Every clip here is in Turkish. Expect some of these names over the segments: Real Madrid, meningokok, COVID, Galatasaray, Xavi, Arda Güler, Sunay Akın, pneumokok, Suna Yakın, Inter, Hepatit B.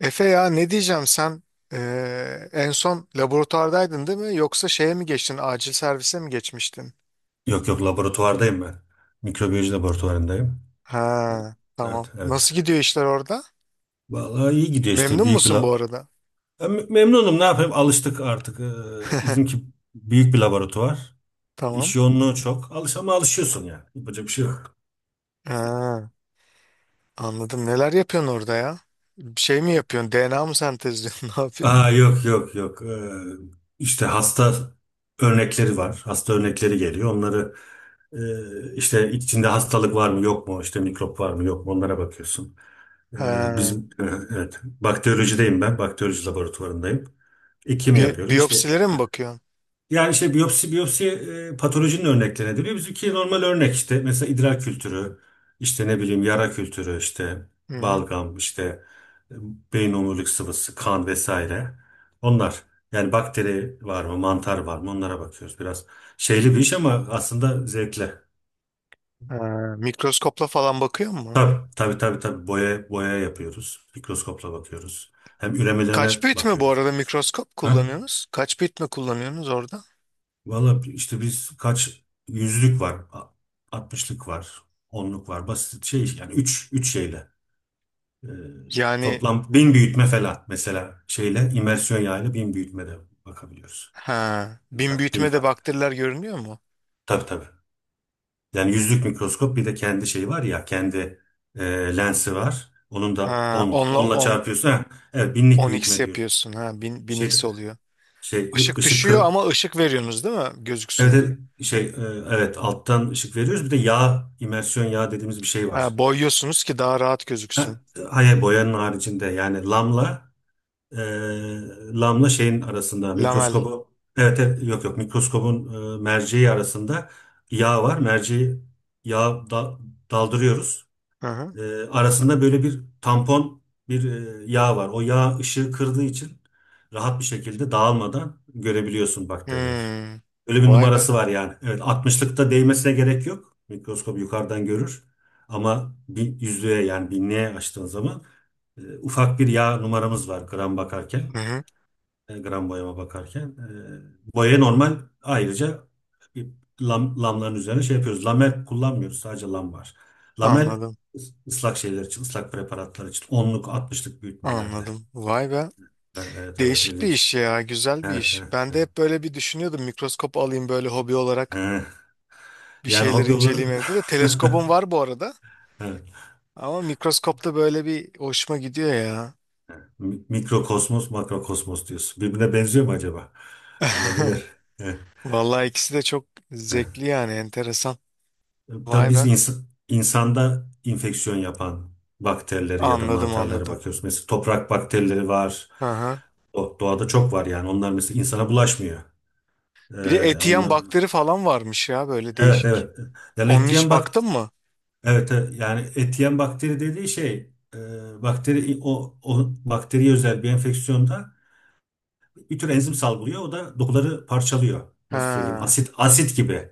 Efe ya ne diyeceğim sen en son laboratuvardaydın değil mi? Yoksa şeye mi geçtin? Acil servise mi geçmiştin? Yok yok laboratuvardayım ben. Mikrobiyoloji laboratuvarındayım. Ha, Evet tamam. evet. Nasıl gidiyor işler orada? Vallahi iyi gidiyor işte Memnun büyük bir musun bu lab. arada? Ya, memnunum ne yapayım alıştık artık. Bizimki büyük bir laboratuvar. Tamam. İş yoğunluğu çok. Alış ama alışıyorsun yani. Yapacak bir şey yok. Ha, anladım. Neler yapıyorsun orada ya? Bir şey mi yapıyorsun? DNA mı sentezliyorsun? Ne yapıyorsun? Aa, yok yok yok. İşte hasta örnekleri var. Hasta örnekleri geliyor. Onları, işte içinde hastalık var mı yok mu? İşte mikrop var mı yok mu? Onlara bakıyorsun. Ee, Ha, bizim e, evet, bakteriyolojideyim ben. Bakteriyoloji laboratuvarındayım. Kim yapıyoruz? İşte biyopsilere mi bakıyorsun? yani işte biyopsi, patolojinin örneklerine deniyor. Bizimki normal örnek, işte mesela idrar kültürü, işte ne bileyim yara kültürü, işte Hı hı. balgam, işte e, beyin omurilik sıvısı, kan vesaire. Onlar, yani bakteri var mı, mantar var mı onlara bakıyoruz. Biraz şeyli bir iş ama aslında zevkli. Ha, mikroskopla falan bakıyor mu? Tabii, tabii, tabii, tabii, boya boya yapıyoruz. Mikroskopla bakıyoruz. Hem üremelerine Kaç bit mi bu bakıyoruz. arada mikroskop Ha? kullanıyorsunuz? Kaç bit mi kullanıyorsunuz orada? Valla işte biz kaç yüzlük var, altmışlık var, onluk var, basit şey yani üç şeyle. Ee, Yani. toplam bin büyütme falan, mesela şeyle imersiyon yağıyla bin büyütmede bakabiliyoruz. Ha, Bin bin kat, bin büyütme de kat. bakteriler görünüyor mu? Tabii tabii. Yani yüzlük mikroskop bir de kendi şeyi var ya, kendi e, lensi var. Onun Ha, da onla onla on çarpıyorsun. Ha, evet, binlik on x büyütme diyoruz. yapıyorsun. Ha, bin Şey, x oluyor. şey, ı- Işık ışık düşüyor kır- ama ışık veriyorsunuz değil mi? Evet, Gözüksün diye. evet, şey e, evet, alttan ışık veriyoruz. Bir de yağ, imersiyon yağ dediğimiz bir şey var. Ha, boyuyorsunuz ki daha rahat gözüksün. Ha, hayır, boyanın haricinde yani e, lamla şeyin arasında, Lamel. mikroskobu, evet, evet, yok yok, mikroskobun merceği arasında yağ var. Merceği yağ da- daldırıyoruz. Hı hı. E, arasında böyle bir tampon, bir yağ var. O yağ ışığı kırdığı için rahat bir şekilde dağılmadan görebiliyorsun bakterileri. Hmm. Öyle bir Vay be. numarası var yani. Evet, 60'lıkta değmesine gerek yok. Mikroskop yukarıdan görür. Ama bir yüzlüğe, yani binliğe açtığın zaman ufak bir yağ numaramız var gram bakarken. Hı hı. E, gram boyama bakarken. E, boya normal, ayrıca bir lam, lamların üzerine şey yapıyoruz. Lamel kullanmıyoruz. Sadece lam var. Lamel Anladım. Islak şeyler için, ıslak preparatlar için. Onluk, 60'lık büyütmelerde. Anladım. Vay be. E, Evet, evet, Değişik bir ilginç. iş ya. Güzel bir Evet, iş. evet, Ben de evet. hep böyle bir düşünüyordum. Mikroskop alayım böyle hobi E, olarak. Bir Yani şeyleri hobi olarak. inceleyeyim evde de. Teleskobum var bu arada. Evet. Ama mikroskopta böyle bir hoşuma gidiyor ya. Mikrokosmos, makrokosmos diyorsun. Birbirine benziyor mu acaba? Olabilir. Heh, Vallahi ikisi de çok heh. zevkli yani enteresan. Tabii Vay biz be. İnsanda infeksiyon yapan bakterileri ya da Anladım, mantarlara anladım. bakıyoruz. Mesela toprak bakterileri var. Hı hı. Doğada çok var yani. Onlar mesela insana bulaşmıyor. Ee, Bir de eti yiyen onlar, bakteri falan varmış ya böyle evet değişik. evet. Yani Onun hiç etiyen bak, baktın mı? evet evet. Yani etiyen bakteri dediği şey, bakteri, o bakteriye özel bir enfeksiyonda bir tür enzim salgılıyor. O da dokuları parçalıyor. Nasıl söyleyeyim? Ha, Asit asit gibi.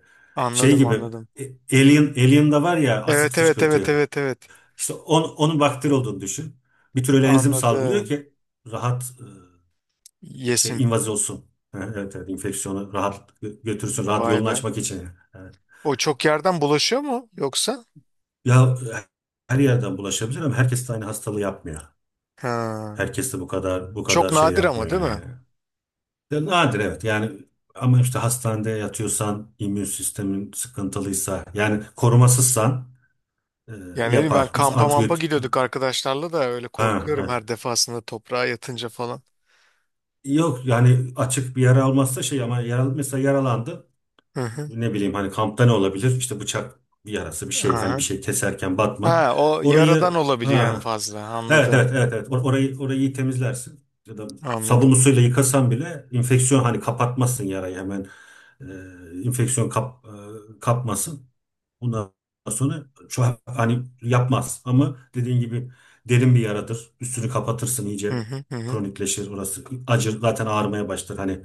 Şey anladım, gibi. anladım. E, Alien'da var ya asit Evet, evet, evet, fışkırtıyor. evet, evet. İşte onun bakteri olduğunu düşün. Bir tür öyle enzim salgılıyor Anladım. ki rahat, şey, Yesin. invaz olsun. Ha, evet, evet, enfeksiyonu rahat götürsün. Rahat Vay yolunu be. açmak için. Ha. O çok yerden bulaşıyor mu yoksa? Ya, her yerden bulaşabilir ama herkes de aynı hastalığı yapmıyor. Ha. Herkes de bu kadar bu Çok kadar şey nadir yapmıyor ama değil yani. mi? Ya, nadir, evet yani, ama işte hastanede yatıyorsan, immün sistemin sıkıntılıysa, yani korumasızsan, e, Yani ne bileyim ben yapar. Mesela kampa mampa antibiyotik, gidiyorduk arkadaşlarla da öyle ha, korkuyorum evet. her defasında toprağa yatınca falan. Yok yani açık bir yara almazsa, şey, ama yara, mesela yaralandı. Hı hı. Ne bileyim, hani kampta ne olabilir? İşte bıçak, bir yarası, bir şey, hani bir Aha. şey keserken batma. Ha, o yaradan Orayı, olabiliyor en ha, fazla. evet Anladım. evet evet evet, orayı iyi temizlersin ya da sabunlu Anladım. suyla yıkasan bile, enfeksiyon hani kapatmasın yarayı hemen, enfeksiyon kapmasın. Ondan sonra şu an hani yapmaz ama dediğin gibi derin bir yaradır. Üstünü kapatırsın Hı iyice, hı hı. Hı. kronikleşir orası, acır zaten, ağrımaya başlar, hani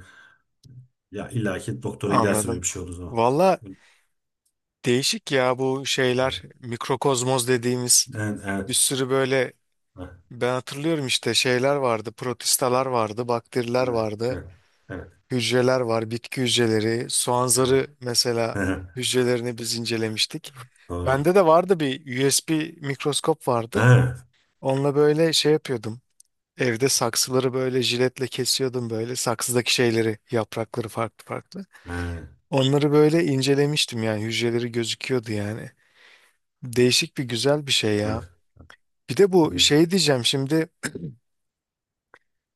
ya, illaki doktora gidersin Anladım. öyle bir şey olduğu zaman. Valla değişik ya bu Evet, şeyler. Mikrokozmoz dediğimiz bir evet. sürü böyle Ha, ben hatırlıyorum işte şeyler vardı. Protistalar vardı, bakteriler evet, vardı, evet, evet, hücreler var, bitki hücreleri, soğan evet. zarı mesela Hı, hücrelerini biz incelemiştik. doğru, evet. Bende de vardı bir USB mikroskop vardı. Ha, Onunla böyle şey yapıyordum. Evde saksıları böyle jiletle kesiyordum böyle. Saksıdaki şeyleri, yaprakları farklı farklı. evet, Onları böyle incelemiştim yani hücreleri gözüküyordu yani. Değişik bir güzel bir şey ya. evet, Bir de bu şey diyeceğim şimdi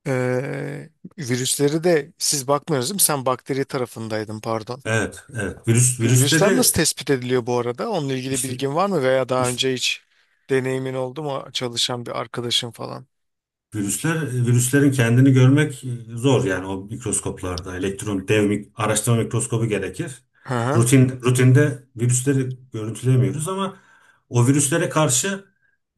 eee, virüsleri de siz bakmıyorsunuz değil mi? Sen bakteri tarafındaydın, pardon. evet. Virüsler nasıl virüsleri, tespit ediliyor bu arada? Onunla ilgili işte, bilgin var mı veya daha işte önce hiç deneyimin oldu mu çalışan bir arkadaşın falan? Virüslerin kendini görmek zor yani o mikroskoplarda. Elektron dev araştırma mikroskobu gerekir. Hı hı. Rutinde virüsleri görüntülemiyoruz ama o virüslere karşı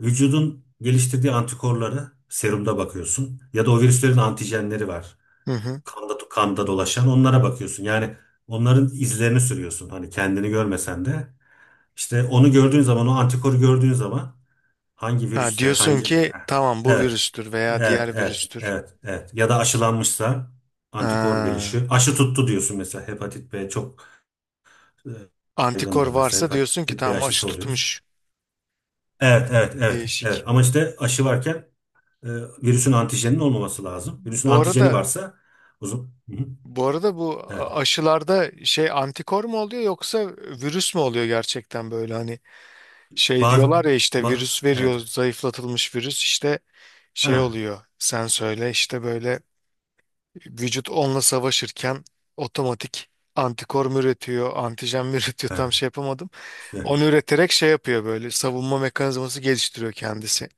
vücudun geliştirdiği antikorları serumda bakıyorsun, ya da o virüslerin antijenleri var. Hı hı. Kanda dolaşan onlara bakıyorsun. Yani onların izlerini sürüyorsun, hani kendini görmesen de. İşte onu gördüğün zaman, o antikoru gördüğün zaman hangi Ha, virüsse, diyorsun hangi... ki tamam bu Evet, virüstür veya evet, diğer evet, virüstür. evet, evet. Ya da aşılanmışsa antikor Ha. gelişiyor. Aşı tuttu diyorsun mesela. Hepatit B çok e, Antikor yaygındır mesela. varsa diyorsun ki Hepatit B tamam aşı aşısı oluyoruz. tutmuş. Evet, evet, evet, evet. Değişik. Ama işte aşı varken e, virüsün antijeninin olmaması lazım. Virüsün Bu antijeni arada varsa uzun. Hı hı. bu arada bu Evet. aşılarda şey antikor mu oluyor yoksa virüs mü oluyor gerçekten böyle hani şey Bazı diyorlar ya işte ba- virüs veriyor evet. zayıflatılmış virüs işte şey Ha, oluyor sen söyle işte böyle vücut onunla savaşırken otomatik antikor mu üretiyor antijen mi üretiyor evet. tam şey yapamadım. İşte, Onu üreterek şey yapıyor böyle savunma mekanizması geliştiriyor kendisi.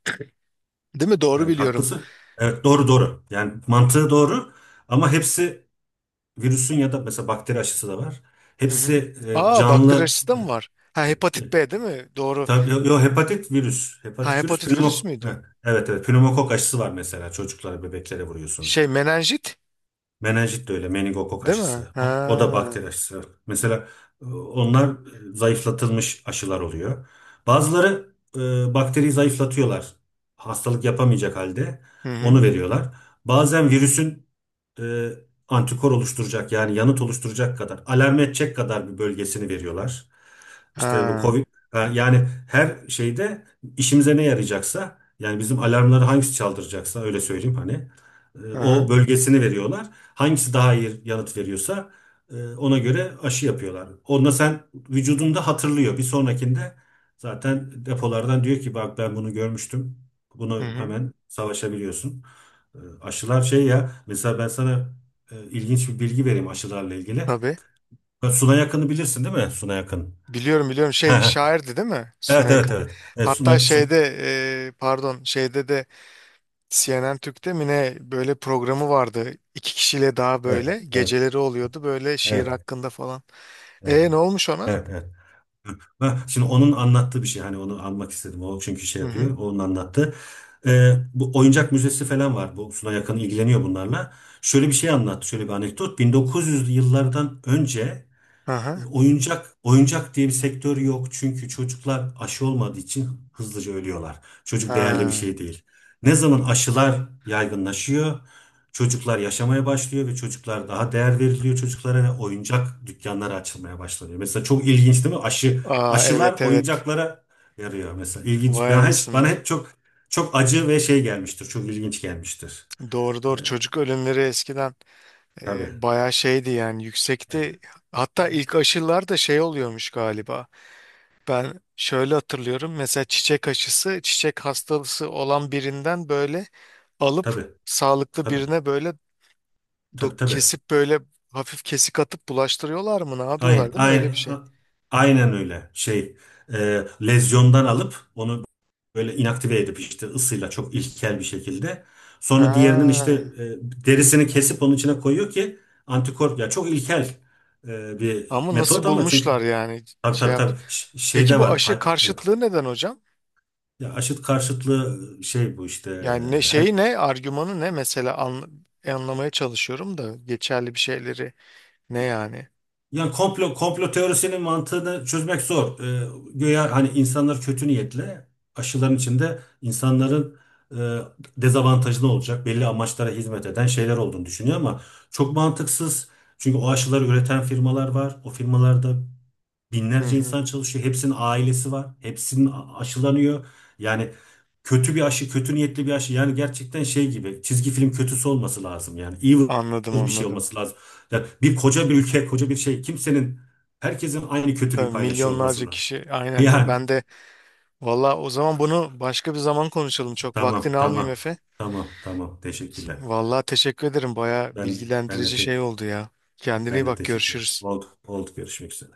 Değil mi? Doğru evet, biliyorum. haklısın. Evet, doğru doğru. Yani mantığı doğru ama hepsi virüsün ya da mesela bakteri aşısı da var. Hı hı. Hepsi Aa, bakteri canlı, aşısı da mı var? Ha, e, e, hepatit B değil mi? Doğru. tabii, yo, yo, hepatit virüs. Ha, Hepatit virüs, hepatit virüs pneumok. müydü? Evet evet evet. Pneumokok aşısı var mesela, çocuklara, bebeklere vuruyorsun. Şey menenjit Menenjit de öyle, meningokok değil mi? aşısı. O da Ha. bakteri aşısı. Mesela onlar zayıflatılmış aşılar oluyor. Bazıları bakteriyi zayıflatıyorlar. Hastalık yapamayacak halde Hı hı. onu veriyorlar. Bazen virüsün e, antikor oluşturacak, yani yanıt oluşturacak kadar, alarm edecek kadar bir bölgesini veriyorlar. İşte bu Ha. COVID, ha, yani her şeyde işimize ne yarayacaksa, yani bizim alarmları hangisi çaldıracaksa, öyle söyleyeyim hani, o Aha. bölgesini veriyorlar. Hangisi daha iyi yanıt veriyorsa ona göre aşı yapıyorlar. Onda sen vücudunda hatırlıyor. Bir sonrakinde zaten depolardan diyor ki, bak ben bunu görmüştüm. Hı Bunu hı. hemen savaşabiliyorsun. Aşılar şey ya, mesela ben sana ilginç bir bilgi vereyim aşılarla ilgili. Tabii. Ya, Suna Yakın'ı bilirsin değil mi? Suna Yakın. Biliyorum, biliyorum, şey şairdi değil mi? Evet Sunay evet Akın. evet. Evet, Hatta Suna, Sun, şeyde pardon şeyde de CNN Türk'te mi ne böyle programı vardı. İki kişiyle daha evet böyle evet geceleri oluyordu böyle şiir evet hakkında falan. evet E, ne olmuş ona? evet. Evet. Ha, şimdi onun anlattığı bir şey. Hani onu almak istedim. O çünkü şey Hı hı. yapıyor. Onun anlattı. Bu oyuncak müzesi falan var. Bu Suna yakın ilgileniyor bunlarla. Şöyle bir şey anlattı. Şöyle bir anekdot. 1900'lü yıllardan önce, Aha. oyuncak diye bir sektör yok, çünkü çocuklar aşı olmadığı için hızlıca ölüyorlar. Çocuk değerli bir Ha. şey değil. Ne zaman aşılar yaygınlaşıyor, çocuklar yaşamaya başlıyor ve çocuklar daha değer veriliyor, çocuklara, ve oyuncak dükkanları açılmaya başlanıyor. Mesela çok ilginç değil mi? Aşı, Aa, aşılar evet, evet. oyuncaklara yarıyor mesela. İlginç. Vay Ben hiç, bana anasını. hep çok çok acı ve şey gelmiştir. Çok ilginç gelmiştir. Doğru, E, doğru, çocuk ölümleri eskiden tabii, bayağı şeydi yani yüksekti. Hatta ilk aşılar da şey oluyormuş galiba. Ben şöyle hatırlıyorum mesela çiçek aşısı çiçek hastalığı olan birinden böyle alıp tabii, sağlıklı tabii, birine böyle tabii, tabii. kesip böyle hafif kesik atıp bulaştırıyorlar mı ne Aynen, yapıyorlar değil mi öyle aynen, bir şey. aynen öyle. Şey, lezyondan alıp onu böyle inaktive edip işte ısıyla çok ilkel bir şekilde. Sonra diğerinin işte Ha. Derisini kesip onun içine koyuyor ki antikor, ya çok ilkel bir Ama nasıl metot ama çünkü bulmuşlar yani tabii şey tabii yap. tabii, şey Peki de bu var. aşı Hay-. karşıtlığı neden hocam? Ya, aşıt karşıtlığı şey, bu işte, Yani ne şeyi ne argümanı ne mesela anlamaya çalışıyorum da geçerli bir şeyleri ne yani? yani komplo teorisinin mantığını çözmek zor. Güya hani insanlar kötü niyetle aşıların içinde insanların e, dezavantajlı olacak, belli amaçlara hizmet eden şeyler olduğunu düşünüyor, ama çok mantıksız. Çünkü o aşıları üreten firmalar var. O firmalarda Hı binlerce hı. insan çalışıyor. Hepsinin ailesi var. Hepsinin aşılanıyor. Yani kötü bir aşı, kötü niyetli bir aşı. Yani gerçekten şey gibi çizgi film kötüsü olması lazım. Yani evil Anladım, bir şey anladım. olması lazım. Ya bir koca bir ülke, koca bir şey. Kimsenin, herkesin aynı kötülüğü Tabii paylaşıyor olması milyonlarca lazım. kişi aynen ya Yani ben de valla o zaman bunu başka bir zaman konuşalım çok tamam, vaktini almayayım tamam, Efe. tamam, tamam. Teşekkürler. Valla teşekkür ederim baya Ben ben de bilgilendirici te- şey oldu ya. Kendine iyi ben de bak, teşekkürler. görüşürüz. Oldu, oldu. Görüşmek üzere.